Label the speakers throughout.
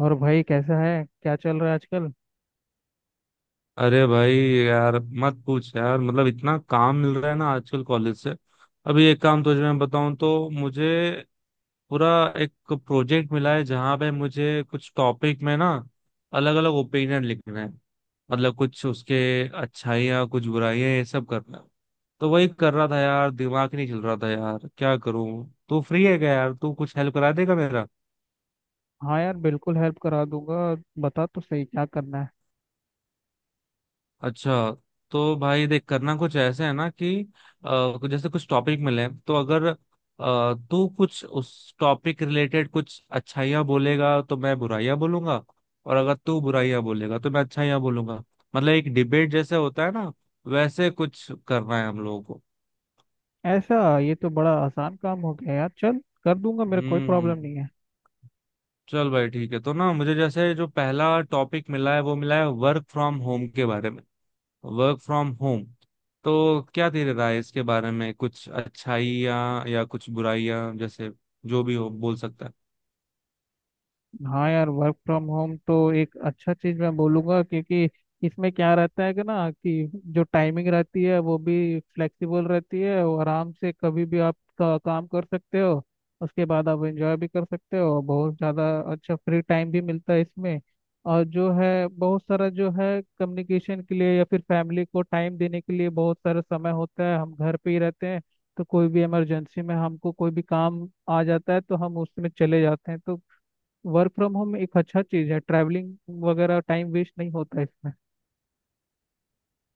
Speaker 1: और भाई, कैसा है? क्या चल रहा है आजकल?
Speaker 2: अरे भाई यार, मत पूछ यार। मतलब इतना काम मिल रहा है ना आजकल कॉलेज से। अभी एक काम तुझे मैं बताऊं तो मुझे पूरा एक प्रोजेक्ट मिला है जहां पे मुझे कुछ टॉपिक में ना अलग अलग ओपिनियन लिखना है। मतलब कुछ उसके अच्छाइयाँ, कुछ बुराइयां, ये सब करना है। तो वही कर रहा था यार, दिमाग ही नहीं चल रहा था यार, क्या करूं। तू फ्री है क्या यार? तू कुछ हेल्प करा देगा मेरा?
Speaker 1: हाँ यार, बिल्कुल हेल्प करा दूंगा। बता तो सही, क्या करना है।
Speaker 2: अच्छा, तो भाई देख, करना कुछ ऐसे है ना कि जैसे कुछ टॉपिक मिले हैं, तो अगर तू कुछ उस टॉपिक रिलेटेड कुछ अच्छाइयाँ बोलेगा तो मैं बुराइयाँ बोलूंगा। और अगर तू बुराइयाँ बोलेगा तो मैं अच्छाइयाँ बोलूंगा। मतलब एक डिबेट जैसे होता है ना, वैसे कुछ करना है हम लोगों को।
Speaker 1: ऐसा, ये तो बड़ा आसान काम हो गया यार। चल, कर दूंगा, मेरा कोई
Speaker 2: हम्म।
Speaker 1: प्रॉब्लम नहीं है।
Speaker 2: चल भाई ठीक है। तो ना मुझे जैसे जो पहला टॉपिक मिला है, वो मिला है वर्क फ्रॉम होम के बारे में। Work from home. तो क्या तेरी राय है इसके बारे में? कुछ अच्छाइयाँ या कुछ बुराइयाँ, जैसे जो भी हो बोल सकता है।
Speaker 1: हाँ यार, वर्क फ्रॉम होम तो एक अच्छा चीज मैं बोलूंगा, क्योंकि इसमें क्या रहता है कि ना कि जो टाइमिंग रहती है वो भी फ्लेक्सिबल रहती है और आराम से कभी भी काम कर सकते हो। उसके बाद आप एंजॉय भी कर सकते हो, बहुत ज़्यादा अच्छा फ्री टाइम भी मिलता है इसमें। और जो है बहुत सारा, जो है कम्युनिकेशन के लिए या फिर फैमिली को टाइम देने के लिए बहुत सारा समय होता है। हम घर पे ही रहते हैं, तो कोई भी इमरजेंसी में हमको कोई भी काम आ जाता है तो हम उसमें चले जाते हैं। तो वर्क फ्रॉम होम एक अच्छा चीज़ है। ट्रैवलिंग वगैरह टाइम वेस्ट नहीं होता है इसमें।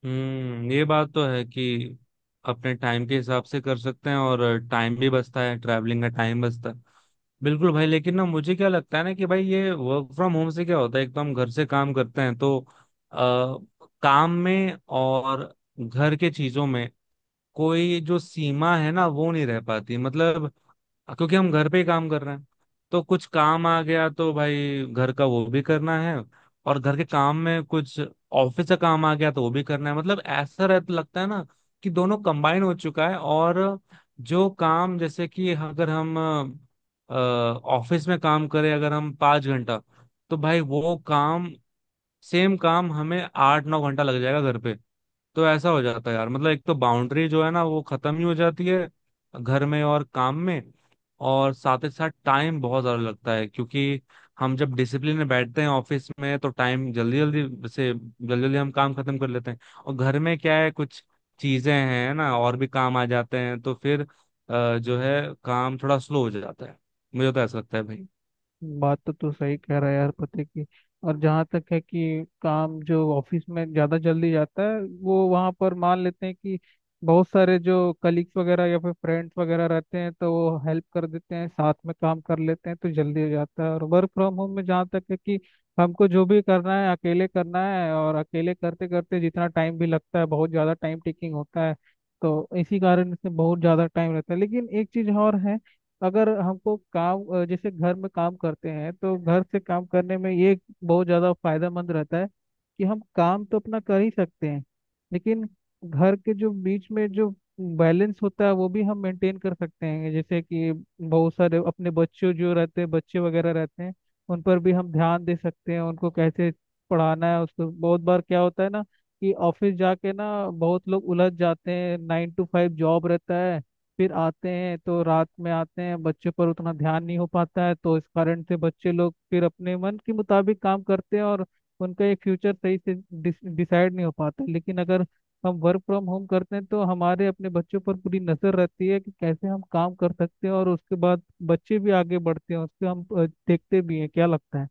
Speaker 2: हम्म, ये बात तो है कि अपने टाइम के हिसाब से कर सकते हैं, और टाइम भी बचता है, ट्रैवलिंग का टाइम बचता है। बिल्कुल भाई। लेकिन ना मुझे क्या लगता है ना कि भाई, ये वर्क फ्रॉम होम से क्या होता है, एक तो हम घर से काम करते हैं तो आ, काम में और घर के चीजों में कोई जो सीमा है ना वो नहीं रह पाती, मतलब क्योंकि हम घर पे ही काम कर रहे हैं। तो कुछ काम आ गया तो भाई घर का वो भी करना है, और घर के काम में कुछ ऑफिस का काम आ गया तो वो भी करना है। मतलब ऐसा रहता लगता है ना कि दोनों कंबाइन हो चुका है। और जो काम जैसे कि अगर हम ऑफिस में काम करें अगर हम 5 घंटा, तो भाई वो काम, सेम काम हमें 8-9 घंटा लग जाएगा घर पे। तो ऐसा हो जाता है यार, मतलब एक तो बाउंड्री जो है ना वो खत्म ही हो जाती है, घर में और काम में। और साथ ही साथ टाइम बहुत ज्यादा लगता है, क्योंकि हम जब डिसिप्लिन में बैठते हैं ऑफिस में तो टाइम जल्दी जल्दी से जल्दी जल्दी हम काम खत्म कर लेते हैं। और घर में क्या है, कुछ चीजें हैं ना और भी काम आ जाते हैं, तो फिर जो है काम थोड़ा स्लो हो जाता है। मुझे तो ऐसा लगता है भाई।
Speaker 1: बात तो तू सही कह रहा है यार, पते की। और जहाँ तक है कि काम जो ऑफिस में ज़्यादा जल्दी जाता है, वो वहाँ पर मान लेते हैं कि बहुत सारे जो कलीग्स वगैरह या फिर फ्रेंड्स वगैरह रहते हैं तो वो हेल्प कर देते हैं, साथ में काम कर लेते हैं तो जल्दी हो जाता है। और वर्क फ्रॉम होम में जहाँ तक है कि हमको जो भी करना है अकेले करना है, और अकेले करते करते जितना टाइम भी लगता है, बहुत ज़्यादा टाइम टेकिंग होता है। तो इसी कारण से बहुत ज़्यादा टाइम रहता है। लेकिन एक चीज़ और है, अगर हमको काम जैसे घर में काम करते हैं तो घर से काम करने में ये बहुत ज़्यादा फायदेमंद रहता है कि हम काम तो अपना कर ही सकते हैं। लेकिन घर के जो बीच में जो बैलेंस होता है वो भी हम मेंटेन कर सकते हैं। जैसे कि बहुत सारे अपने बच्चों जो रहते हैं, बच्चे वगैरह रहते हैं, उन पर भी हम ध्यान दे सकते हैं, उनको कैसे पढ़ाना है उसको। बहुत बार क्या होता है ना कि ऑफिस जाके ना बहुत लोग उलझ जाते हैं, नाइन टू फाइव जॉब रहता है, फिर आते हैं तो रात में आते हैं, बच्चों पर उतना ध्यान नहीं हो पाता है। तो इस कारण से बच्चे लोग फिर अपने मन के मुताबिक काम करते हैं और उनका एक फ्यूचर सही से डिसाइड नहीं हो पाता। लेकिन अगर हम वर्क फ्रॉम होम करते हैं तो हमारे अपने बच्चों पर पूरी नजर रहती है कि कैसे हम काम कर सकते हैं, और उसके बाद बच्चे भी आगे बढ़ते हैं उसके। हम देखते भी हैं। क्या लगता है?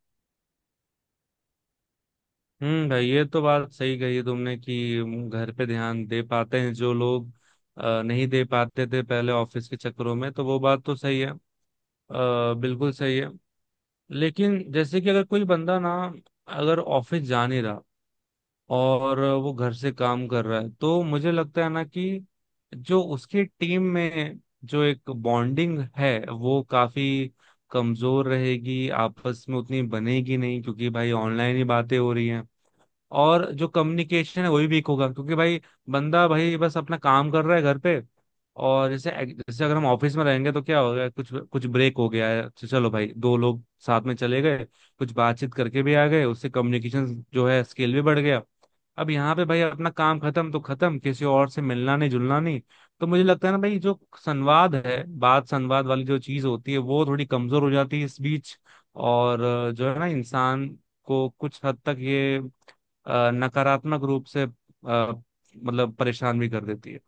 Speaker 2: भाई, ये तो बात सही कही तुमने कि घर पे ध्यान दे पाते हैं जो लोग नहीं दे पाते थे पहले ऑफिस के चक्करों में, तो वो बात तो सही है, बिल्कुल सही है। लेकिन जैसे कि अगर कोई बंदा ना, अगर ऑफिस जा नहीं रहा और वो घर से काम कर रहा है, तो मुझे लगता है ना कि जो उसकी टीम में जो एक बॉन्डिंग है वो काफी कमजोर रहेगी, आपस में उतनी बनेगी नहीं, क्योंकि भाई ऑनलाइन ही बातें हो रही हैं। और जो कम्युनिकेशन है वही वीक होगा, क्योंकि भाई बंदा भाई बस अपना काम कर रहा है घर पे। और जैसे जैसे अगर हम ऑफिस में रहेंगे तो क्या हो गया, कुछ कुछ ब्रेक हो गया है तो चलो भाई, दो लोग साथ में चले गए, कुछ बातचीत करके भी आ गए, उससे कम्युनिकेशन जो है स्किल भी बढ़ गया। अब यहाँ पे भाई अपना काम खत्म तो खत्म, किसी और से मिलना नहीं जुलना नहीं। तो मुझे लगता है ना भाई, जो संवाद है, बात संवाद वाली जो चीज होती है वो थोड़ी कमजोर हो जाती है इस बीच। और जो है ना, इंसान को कुछ हद तक ये नकारात्मक रूप से मतलब परेशान भी कर देती है।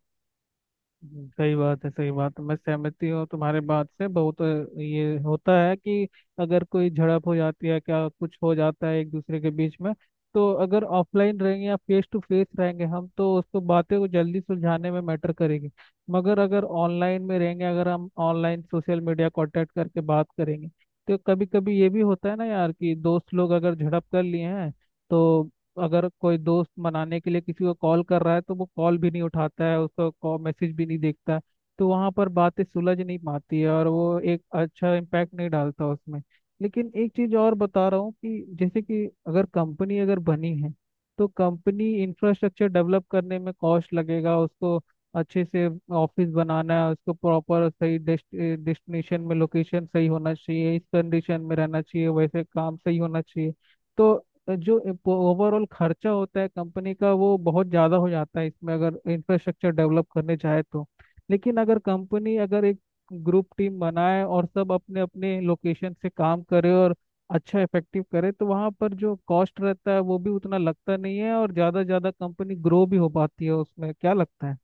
Speaker 1: सही बात है, सही बात है। मैं सहमति हूँ तुम्हारे बात से बहुत। ये होता है कि अगर कोई झड़प हो जाती है, क्या कुछ हो जाता है एक दूसरे के बीच में, तो अगर ऑफलाइन रहेंगे या फेस टू फेस रहेंगे हम, तो उसको बातें को जल्दी सुलझाने में मैटर करेगी। मगर अगर ऑनलाइन में रहेंगे, अगर हम ऑनलाइन सोशल मीडिया कांटेक्ट करके बात करेंगे, तो कभी कभी ये भी होता है ना यार, कि दोस्त लोग अगर झड़प कर लिए हैं, तो अगर कोई दोस्त मनाने के लिए किसी को कॉल कर रहा है तो वो कॉल भी नहीं उठाता है, उसका कॉल मैसेज भी नहीं देखता है। तो वहाँ पर बातें सुलझ नहीं पाती है और वो एक अच्छा इम्पैक्ट नहीं डालता उसमें। लेकिन एक चीज़ और बता रहा हूँ, कि जैसे कि अगर कंपनी अगर बनी है तो कंपनी इंफ्रास्ट्रक्चर डेवलप करने में कॉस्ट लगेगा उसको। अच्छे से ऑफिस बनाना है उसको, प्रॉपर सही डेस्टिनेशन में लोकेशन सही होना चाहिए, इस कंडीशन में रहना चाहिए, वैसे काम सही होना चाहिए। तो जो ओवरऑल खर्चा होता है कंपनी का, वो बहुत ज़्यादा हो जाता है इसमें, अगर इंफ्रास्ट्रक्चर डेवलप करने चाहे तो। लेकिन अगर कंपनी अगर एक ग्रुप टीम बनाए और सब अपने अपने लोकेशन से काम करे और अच्छा इफेक्टिव करे, तो वहाँ पर जो कॉस्ट रहता है वो भी उतना लगता नहीं है और ज़्यादा ज़्यादा कंपनी ग्रो भी हो पाती है उसमें। क्या लगता है?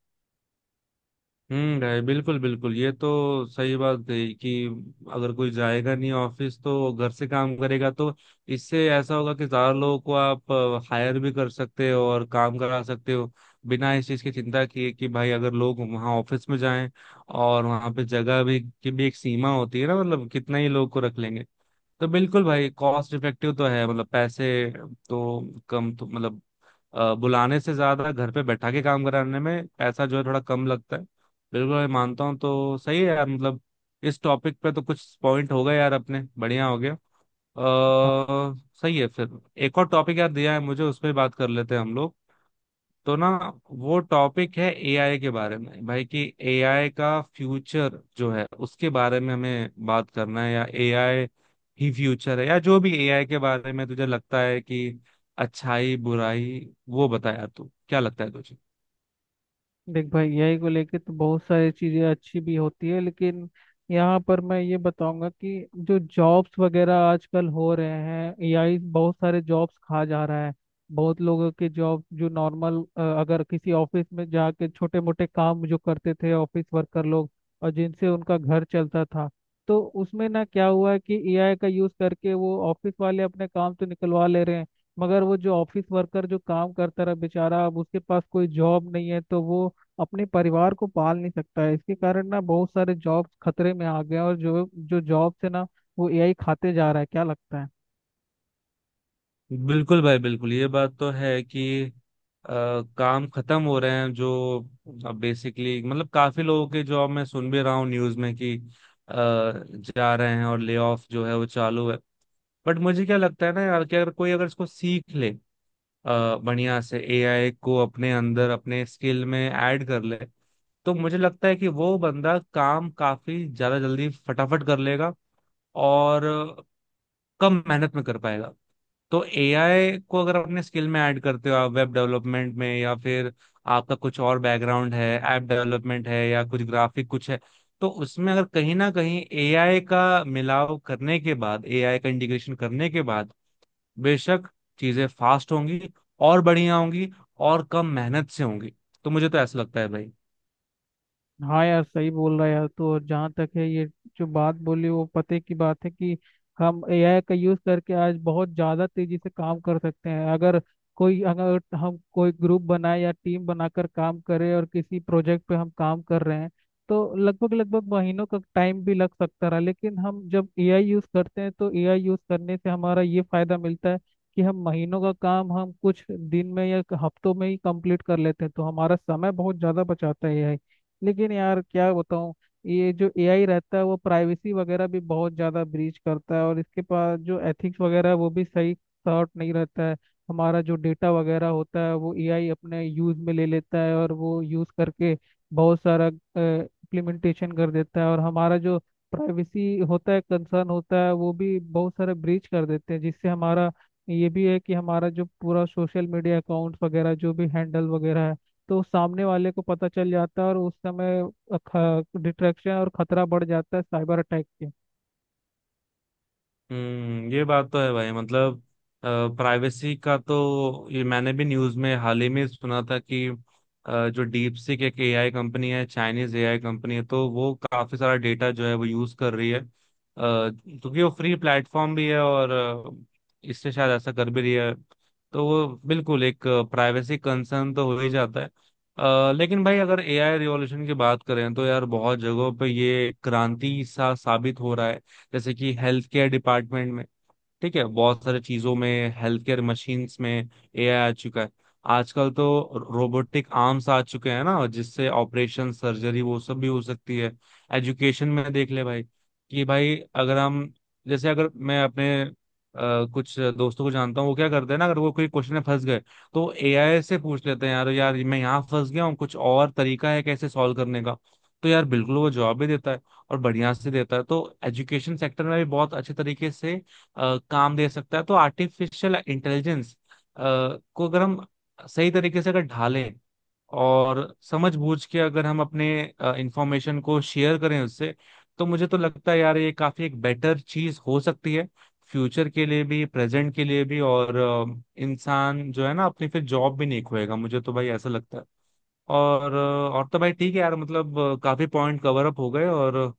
Speaker 2: भाई, बिल्कुल बिल्कुल, ये तो सही बात कही कि अगर कोई जाएगा नहीं ऑफिस तो घर से काम करेगा, तो इससे ऐसा होगा कि ज्यादा लोगों को आप हायर भी कर सकते हो और काम करा सकते हो, बिना इस चीज की चिंता किए कि भाई अगर लोग वहाँ ऑफिस में जाएं, और वहाँ पे जगह भी की भी एक सीमा होती है ना, मतलब कितना ही लोग को रख लेंगे। तो बिल्कुल भाई, कॉस्ट इफेक्टिव तो है, मतलब पैसे तो कम तो, मतलब बुलाने से ज्यादा घर पे बैठा के काम कराने में पैसा जो है थोड़ा कम लगता है। बिल्कुल, मैं मानता हूँ तो सही है यार, मतलब इस टॉपिक पे तो कुछ पॉइंट हो गए यार अपने, बढ़िया हो गया। अ सही है फिर। एक और टॉपिक यार दिया है मुझे, उस पर बात कर लेते हैं हम लोग। तो ना वो टॉपिक है एआई के बारे में भाई, कि एआई का फ्यूचर जो है उसके बारे में हमें बात करना है, या एआई ही फ्यूचर है, या जो भी एआई के बारे में तुझे लगता है कि अच्छाई बुराई, वो बता यार, तू क्या लगता है तुझे?
Speaker 1: देख भाई, यही को लेके तो बहुत सारी चीज़ें अच्छी भी होती है, लेकिन यहाँ पर मैं ये बताऊंगा कि जो जॉब्स वगैरह आजकल हो रहे हैं, एआई बहुत सारे जॉब्स खा जा रहा है। बहुत लोगों के जॉब, जो नॉर्मल अगर किसी ऑफिस में जाके छोटे मोटे काम जो करते थे ऑफिस वर्कर लोग, और जिनसे उनका घर चलता था, तो उसमें ना क्या हुआ है कि एआई का यूज़ करके वो ऑफिस वाले अपने काम तो निकलवा ले रहे हैं, मगर वो जो ऑफिस वर्कर जो काम करता रहा बेचारा, अब उसके पास कोई जॉब नहीं है, तो वो अपने परिवार को पाल नहीं सकता है। इसके कारण ना बहुत सारे जॉब खतरे में आ गए हैं और जो जो जॉब से ना, वो एआई खाते जा रहा है। क्या लगता है?
Speaker 2: बिल्कुल भाई बिल्कुल, ये बात तो है कि अ, काम खत्म हो रहे हैं जो, अब बेसिकली मतलब काफी लोगों के जॉब मैं सुन भी रहा हूँ न्यूज में कि जा रहे हैं, और ले ऑफ जो है वो चालू है। बट मुझे क्या लगता है ना यार कि अगर कोई अगर इसको सीख ले, बढ़िया से एआई को अपने अंदर अपने स्किल में ऐड कर ले, तो मुझे लगता है कि वो बंदा काम काफी ज्यादा जल्दी फटाफट कर लेगा, और कम मेहनत में कर पाएगा। तो एआई को अगर अपने स्किल में ऐड करते हो आप वेब डेवलपमेंट में, या फिर आपका कुछ और बैकग्राउंड है, ऐप डेवलपमेंट है या कुछ ग्राफिक कुछ है, तो उसमें अगर कहीं ना कहीं एआई का मिलाव करने के बाद, एआई का इंटीग्रेशन करने के बाद, बेशक चीजें फास्ट होंगी, और बढ़िया होंगी, और कम मेहनत से होंगी। तो मुझे तो ऐसा लगता है भाई।
Speaker 1: हाँ यार, सही बोल रहा है यार। तो जहाँ तक है, ये जो बात बोली वो पते की बात है, कि हम एआई का यूज़ करके आज बहुत ज़्यादा तेजी से काम कर सकते हैं। अगर कोई, अगर हम कोई ग्रुप बनाए या टीम बनाकर काम करें और किसी प्रोजेक्ट पे हम काम कर रहे हैं, तो लगभग लगभग महीनों का टाइम भी लग सकता रहा। लेकिन हम जब एआई यूज़ करते हैं तो एआई यूज़ करने से हमारा ये फ़ायदा मिलता है, कि हम महीनों का काम हम कुछ दिन में या हफ्तों में ही कंप्लीट कर लेते हैं। तो हमारा समय बहुत ज़्यादा बचाता है एआई। लेकिन यार क्या बताऊँ, ये जो एआई रहता है वो प्राइवेसी वगैरह भी बहुत ज़्यादा ब्रीच करता है, और इसके पास जो एथिक्स वगैरह है, वो भी सही सॉर्ट नहीं रहता है। हमारा जो डेटा वगैरह होता है वो एआई अपने यूज़ में ले लेता है और वो यूज़ करके बहुत सारा इम्प्लीमेंटेशन कर देता है, और हमारा जो प्राइवेसी होता है, कंसर्न होता है, वो भी बहुत सारा ब्रीच कर देते हैं, जिससे हमारा ये भी है कि हमारा जो पूरा सोशल मीडिया अकाउंट्स वगैरह जो भी हैंडल वगैरह है, तो सामने वाले को पता चल जाता है और उस समय डिट्रैक्शन और खतरा बढ़ जाता है साइबर अटैक के।
Speaker 2: हम्म, ये बात तो है भाई, मतलब प्राइवेसी का तो, ये मैंने भी न्यूज में हाल ही में सुना था कि जो डीप सीक एक एआई कंपनी है, चाइनीज एआई कंपनी है, तो वो काफी सारा डेटा जो है वो यूज कर रही है, क्योंकि वो फ्री प्लेटफॉर्म भी है, और इससे शायद ऐसा कर भी रही है। तो वो बिल्कुल एक प्राइवेसी कंसर्न तो हो ही जाता है। लेकिन भाई अगर एआई रिवॉल्यूशन की बात करें तो यार बहुत जगहों पे ये क्रांति सा साबित हो रहा है, जैसे कि हेल्थ केयर डिपार्टमेंट में, ठीक है, बहुत सारे चीजों में, हेल्थ केयर मशीन्स में एआई आ चुका है आजकल। तो रोबोटिक आर्म्स आ चुके हैं ना, जिससे ऑपरेशन सर्जरी वो सब भी हो सकती है। एजुकेशन में देख ले भाई, कि भाई अगर हम जैसे अगर मैं अपने कुछ दोस्तों को जानता हूँ, वो क्या करते हैं ना, अगर वो कोई क्वेश्चन में फंस गए तो एआई से पूछ लेते हैं, यार यार मैं यहाँ फंस गया हूँ, कुछ और तरीका है कैसे सॉल्व करने का। तो यार बिल्कुल वो जवाब भी देता है, और बढ़िया से देता है। तो एजुकेशन सेक्टर में भी बहुत अच्छे तरीके से काम दे सकता है। तो आर्टिफिशियल इंटेलिजेंस को अगर हम सही तरीके से अगर ढालें, और समझ बूझ के अगर हम अपने इंफॉर्मेशन को शेयर करें उससे, तो मुझे तो लगता है यार ये काफी एक बेटर चीज हो सकती है, फ्यूचर के लिए भी, प्रेजेंट के लिए भी, और इंसान जो है ना अपनी फिर जॉब भी नहीं खोएगा। मुझे तो भाई ऐसा लगता है। और तो भाई ठीक है यार, मतलब काफी पॉइंट कवर अप हो गए और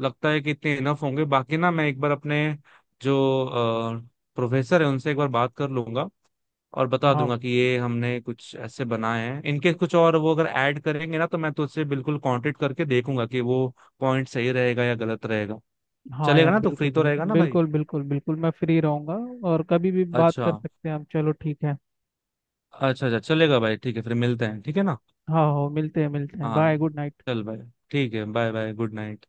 Speaker 2: लगता है कि इतने इनफ होंगे। बाकी ना मैं एक बार अपने जो प्रोफेसर है उनसे एक बार बात कर लूंगा, और बता
Speaker 1: हाँ।
Speaker 2: दूंगा कि ये हमने कुछ ऐसे बनाए हैं इनके, कुछ और वो अगर ऐड करेंगे ना, तो मैं तो उससे बिल्कुल कांटेक्ट करके देखूंगा कि वो पॉइंट सही रहेगा या गलत रहेगा।
Speaker 1: हाँ
Speaker 2: चलेगा
Speaker 1: यार,
Speaker 2: ना? तो
Speaker 1: बिल्कुल
Speaker 2: फ्री तो
Speaker 1: बिल्कुल
Speaker 2: रहेगा ना भाई?
Speaker 1: बिल्कुल बिल्कुल बिल्कुल, मैं फ्री रहूंगा। और कभी भी बात
Speaker 2: अच्छा,
Speaker 1: कर सकते हैं हम। चलो, ठीक है।
Speaker 2: अच्छा, अच्छा, चलेगा भाई, ठीक है फिर मिलते हैं, ठीक है ना?
Speaker 1: हाँ, हो, मिलते हैं, मिलते हैं।
Speaker 2: हाँ,
Speaker 1: बाय, गुड नाइट।
Speaker 2: चल भाई ठीक है। Bye bye, good night.